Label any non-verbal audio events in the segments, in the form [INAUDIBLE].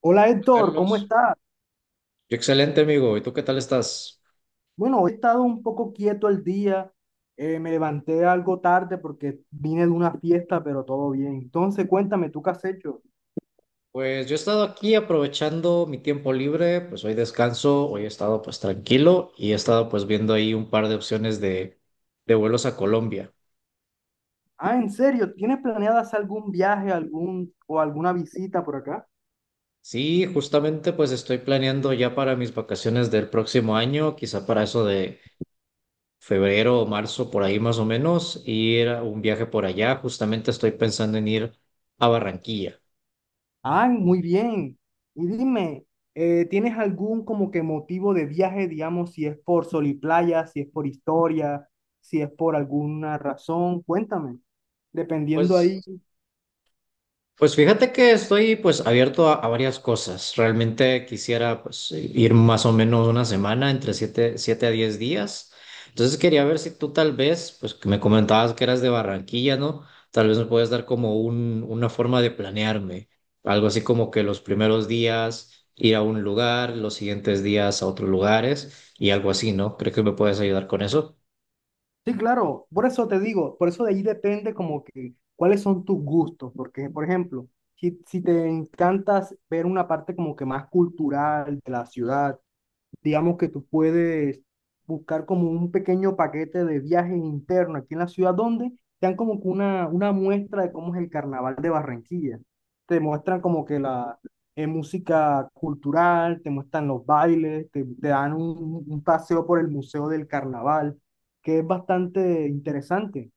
Hola Héctor, ¿cómo Carlos, estás? excelente amigo. ¿Y tú qué tal estás? Bueno, he estado un poco quieto el día, me levanté algo tarde porque vine de una fiesta, pero todo bien. Entonces, cuéntame, ¿tú qué has hecho? Pues yo he estado aquí aprovechando mi tiempo libre, pues hoy descanso, hoy he estado pues tranquilo y he estado pues viendo ahí un par de opciones de vuelos a Colombia. Ah, ¿en serio? ¿Tienes planeado hacer algún viaje, algún o alguna visita por acá? Sí, justamente pues estoy planeando ya para mis vacaciones del próximo año, quizá para eso de febrero o marzo por ahí más o menos, ir a un viaje por allá. Justamente estoy pensando en ir a Barranquilla. Ah, muy bien. Y dime, ¿tienes algún como que motivo de viaje, digamos, si es por sol y playa, si es por historia, si es por alguna razón? Cuéntame, dependiendo ahí. Pues Pues fíjate que estoy pues abierto a varias cosas. Realmente quisiera pues ir más o menos una semana, entre siete a 10 días. Entonces quería ver si tú tal vez, pues que me comentabas que eras de Barranquilla, ¿no? Tal vez me puedes dar como una forma de planearme. Algo así como que los primeros días ir a un lugar, los siguientes días a otros lugares y algo así, ¿no? ¿Crees que me puedes ayudar con eso? Sí, claro, por eso te digo, por eso de ahí depende como que cuáles son tus gustos, porque por ejemplo, si te encantas ver una parte como que más cultural de la ciudad, digamos que tú puedes buscar como un pequeño paquete de viajes internos aquí en la ciudad donde te dan como que una muestra de cómo es el carnaval de Barranquilla. Te muestran como que la música cultural, te muestran los bailes, te dan un paseo por el Museo del Carnaval, que es bastante interesante.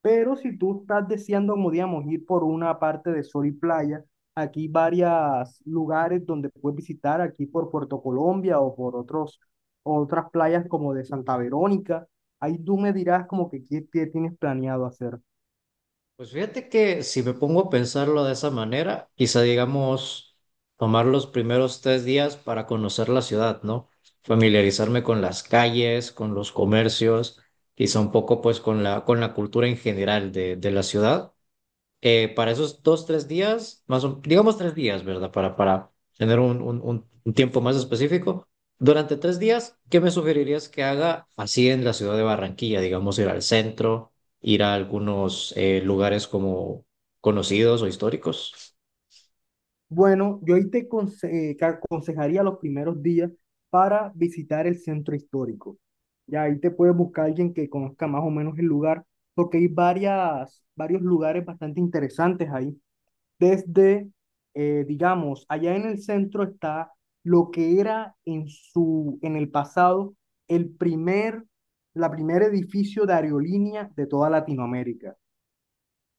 Pero si tú estás deseando, como digamos, ir por una parte de sol y playa, aquí varios lugares donde puedes visitar, aquí por Puerto Colombia o por otros, otras playas como de Santa Verónica. Ahí tú me dirás como que qué, qué tienes planeado hacer. Pues fíjate que si me pongo a pensarlo de esa manera, quizá digamos tomar los primeros 3 días para conocer la ciudad, ¿no? Familiarizarme con las calles, con los comercios, quizá un poco pues con la cultura en general de la ciudad. Para esos dos, 3 días, más o, digamos 3 días, ¿verdad? Para tener un tiempo más específico. Durante 3 días, ¿qué me sugerirías que haga así en la ciudad de Barranquilla? Digamos, ir al centro, ir a algunos lugares como conocidos o históricos. Bueno, yo ahí que aconsejaría los primeros días para visitar el centro histórico. Ya ahí te puedes buscar alguien que conozca más o menos el lugar, porque hay varias, varios lugares bastante interesantes ahí. Desde, digamos, allá en el centro está lo que era en en el pasado, el primer, la primer edificio de aerolínea de toda Latinoamérica.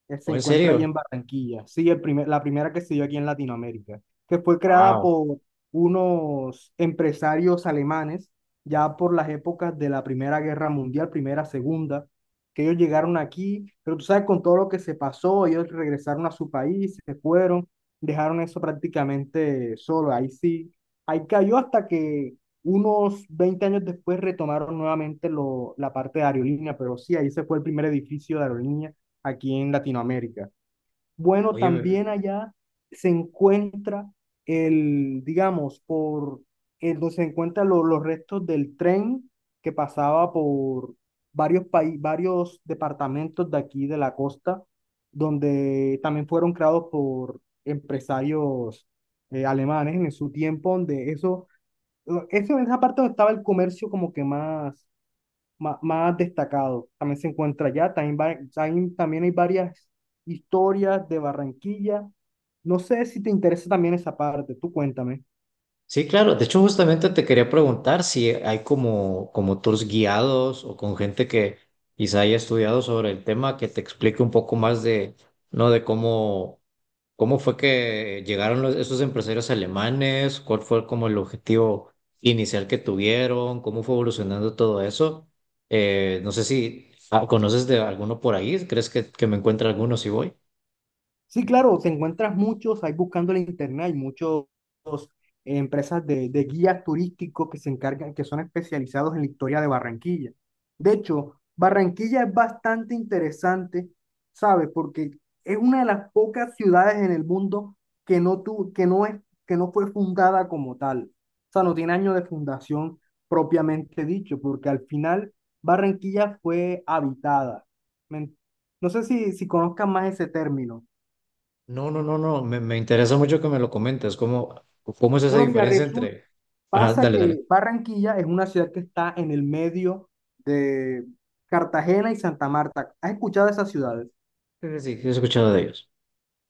Él se ¿O en encuentra serio? allí en Barranquilla. Sí, la primera que se dio aquí en Latinoamérica, que fue creada Wow. por unos empresarios alemanes, ya por las épocas de la Primera Guerra Mundial, Primera, Segunda, que ellos llegaron aquí, pero tú sabes, con todo lo que se pasó, ellos regresaron a su país, se fueron, dejaron eso prácticamente solo. Ahí sí, ahí cayó hasta que unos 20 años después retomaron nuevamente lo, la parte de aerolínea, pero sí, ahí se fue el primer edificio de aerolínea aquí en Latinoamérica. Bueno, Oye. también allá se encuentra el, digamos, donde se encuentran los restos del tren que pasaba por varios países, varios departamentos de aquí de la costa, donde también fueron creados por empresarios alemanes en su tiempo, donde eso en esa parte donde estaba el comercio como que más destacado. También se encuentra allá, también, también, también hay varias historias de Barranquilla. No sé si te interesa también esa parte, tú cuéntame. Sí, claro. De hecho, justamente te quería preguntar si hay como tours guiados o con gente que quizá haya estudiado sobre el tema que te explique un poco más de, ¿no? ¿Cómo fue que llegaron esos empresarios alemanes, cuál fue como el objetivo inicial que tuvieron, cómo fue evolucionando todo eso? No sé si conoces de alguno por ahí. ¿Crees que me encuentre alguno si voy? Sí, claro, te encuentras muchos ahí buscando en internet, hay muchos empresas de guías turísticos que se encargan, que son especializados en la historia de Barranquilla. De hecho, Barranquilla es bastante interesante, ¿sabes? Porque es una de las pocas ciudades en el mundo que no es, que no fue fundada como tal. O sea, no tiene año de fundación propiamente dicho, porque al final Barranquilla fue habitada. ¿Me no sé si, si conozcan más ese término? No, no, no, no, me interesa mucho que me lo comentes. ¿Cómo es esa Bueno, mira, diferencia resulta, entre... Ajá, pasa dale, dale. que Barranquilla es una ciudad que está en el medio de Cartagena y Santa Marta. ¿Has escuchado de esas ciudades? Sí, sí, sí, he escuchado de ellos.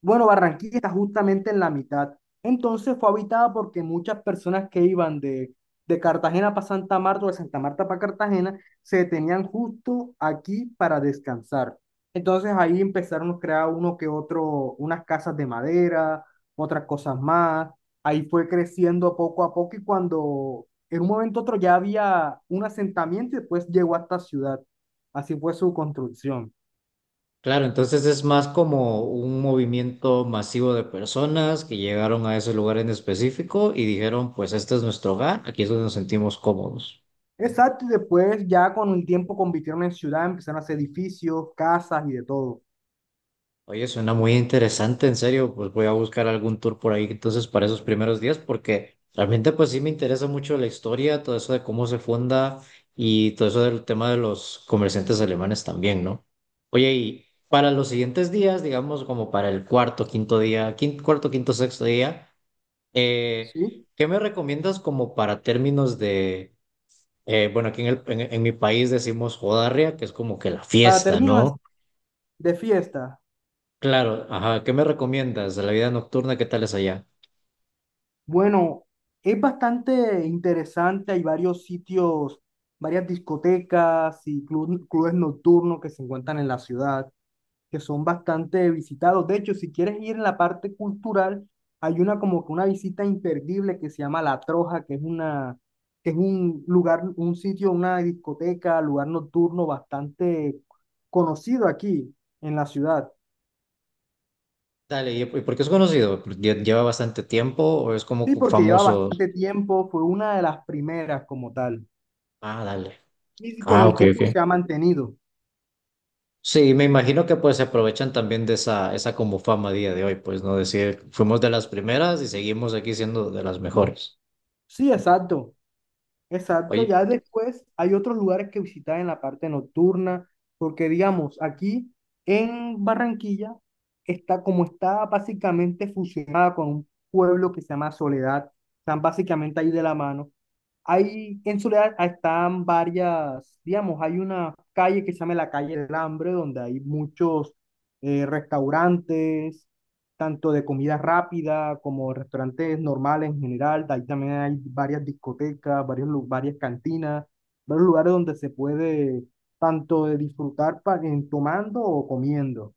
Bueno, Barranquilla está justamente en la mitad. Entonces fue habitada porque muchas personas que iban de Cartagena para Santa Marta o de Santa Marta para Cartagena se detenían justo aquí para descansar. Entonces ahí empezaron a crear uno que otro, unas casas de madera, otras cosas más. Ahí fue creciendo poco a poco y cuando en un momento u otro ya había un asentamiento y después llegó a esta ciudad. Así fue su construcción. Claro, entonces es más como un movimiento masivo de personas que llegaron a ese lugar en específico y dijeron, pues este es nuestro hogar, aquí es donde nos sentimos cómodos. Exacto, y después ya con el tiempo convirtieron en ciudad, empezaron a hacer edificios, casas y de todo, Oye, suena muy interesante, en serio, pues voy a buscar algún tour por ahí entonces para esos primeros días, porque realmente pues sí me interesa mucho la historia, todo eso de cómo se funda y todo eso del tema de los comerciantes alemanes también, ¿no? Oye, y para los siguientes días, digamos como para el cuarto, quinto día, cuarto, quinto, sexto día, eh, ¿sí? ¿qué me recomiendas como para términos de, bueno, aquí en mi país decimos jodarria, que es como que la Para fiesta, términos así ¿no? de fiesta, Claro, ajá, ¿qué me recomiendas de la vida nocturna? ¿Qué tal es allá? bueno, es bastante interesante, hay varios sitios, varias discotecas y clubes nocturnos que se encuentran en la ciudad, que son bastante visitados. De hecho, si quieres ir en la parte cultural, hay una como que una visita imperdible que se llama La Troja, que es una, que es un lugar, un sitio, una discoteca, lugar nocturno bastante conocido aquí en la ciudad. Dale, y por qué es conocido? ¿Lleva bastante tiempo o es como Sí, porque lleva famoso? bastante tiempo, fue una de las primeras como tal. Ah, dale. Y con Ah, el ok, tiempo ok. se ha mantenido. Sí, me imagino que pues se aprovechan también de esa como fama a día de hoy, pues, ¿no? Decir, fuimos de las primeras y seguimos aquí siendo de las mejores. Sí, exacto. Exacto, Oye. ya después hay otros lugares que visitar en la parte nocturna, porque digamos, aquí en Barranquilla está básicamente fusionada con un pueblo que se llama Soledad, están básicamente ahí de la mano, hay en Soledad están varias, digamos, hay una calle que se llama la calle del Hambre, donde hay muchos restaurantes, tanto de comida rápida como restaurantes normales en general. De ahí también hay varias discotecas, varias cantinas, varios lugares donde se puede tanto de disfrutar tomando o comiendo.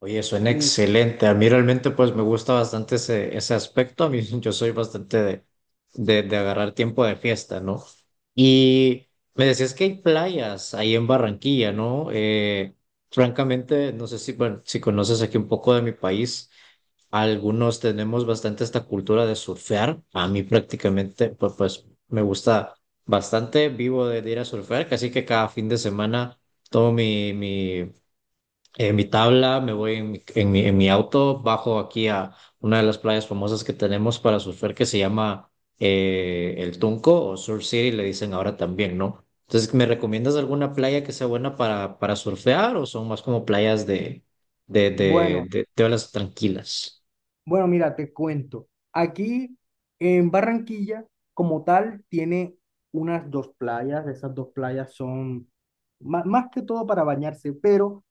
Oye, suena Listo. excelente. A mí realmente pues me gusta bastante ese aspecto. A mí [LAUGHS] yo soy bastante de agarrar tiempo de fiesta, ¿no? Y me decías que hay playas ahí en Barranquilla, ¿no? Francamente, no sé si, bueno, si conoces aquí un poco de mi país. Algunos tenemos bastante esta cultura de surfear. A mí prácticamente pues, pues me gusta bastante. Vivo de ir a surfear, así que cada fin de semana tomo mi en mi tabla, me voy en mi auto, bajo aquí a una de las playas famosas que tenemos para surfear que se llama El Tunco o Surf City, le dicen ahora también, ¿no? Entonces, ¿me recomiendas alguna playa que sea buena para surfear o son más como playas Bueno, de olas tranquilas? bueno, mira, te cuento. Aquí en Barranquilla, como tal, tiene unas 2 playas. Esas 2 playas son más, que todo para bañarse, pero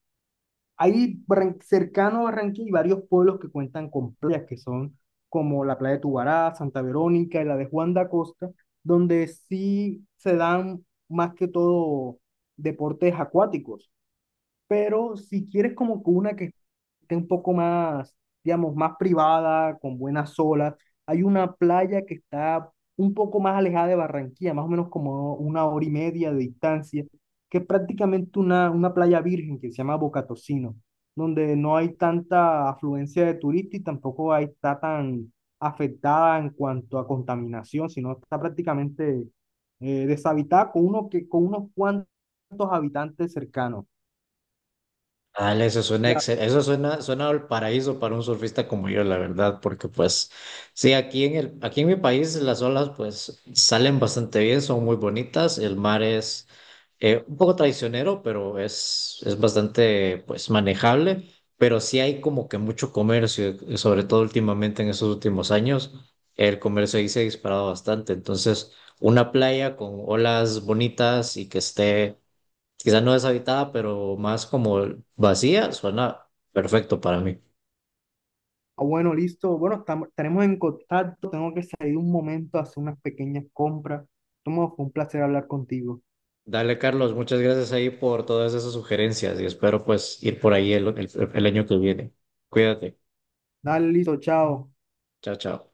ahí cercano a Barranquilla hay varios pueblos que cuentan con playas, que son como la playa de Tubará, Santa Verónica y la de Juan de Acosta, donde sí se dan más que todo deportes acuáticos. Pero si quieres como que una que esté un poco más, digamos, más privada, con buenas olas. Hay una playa que está un poco más alejada de Barranquilla, más o menos como 1 hora y media de distancia, que es prácticamente una playa virgen que se llama Bocatocino, donde no hay tanta afluencia de turistas y tampoco hay, está tan afectada en cuanto a contaminación, sino está prácticamente deshabitada con, uno que, con unos cuantos habitantes cercanos. Ah, eso suena Ya, eso suena, suena al paraíso para un surfista como yo, la verdad, porque pues sí, aquí aquí en mi país las olas pues salen bastante bien, son muy bonitas, el mar es un poco traicionero, pero es bastante pues manejable, pero sí hay como que mucho comercio, y sobre todo últimamente en estos últimos años, el comercio ahí se ha disparado bastante. Entonces, una playa con olas bonitas y que esté quizás no deshabitada, pero más como vacía, suena perfecto para mí. ah, bueno, listo. Bueno, estamos, estaremos en contacto. Tengo que salir un momento a hacer unas pequeñas compras. Tomo, fue un placer hablar contigo. Dale, Carlos, muchas gracias ahí por todas esas sugerencias y espero pues ir por ahí el año que viene. Cuídate. Dale, listo, chao. Chao, chao.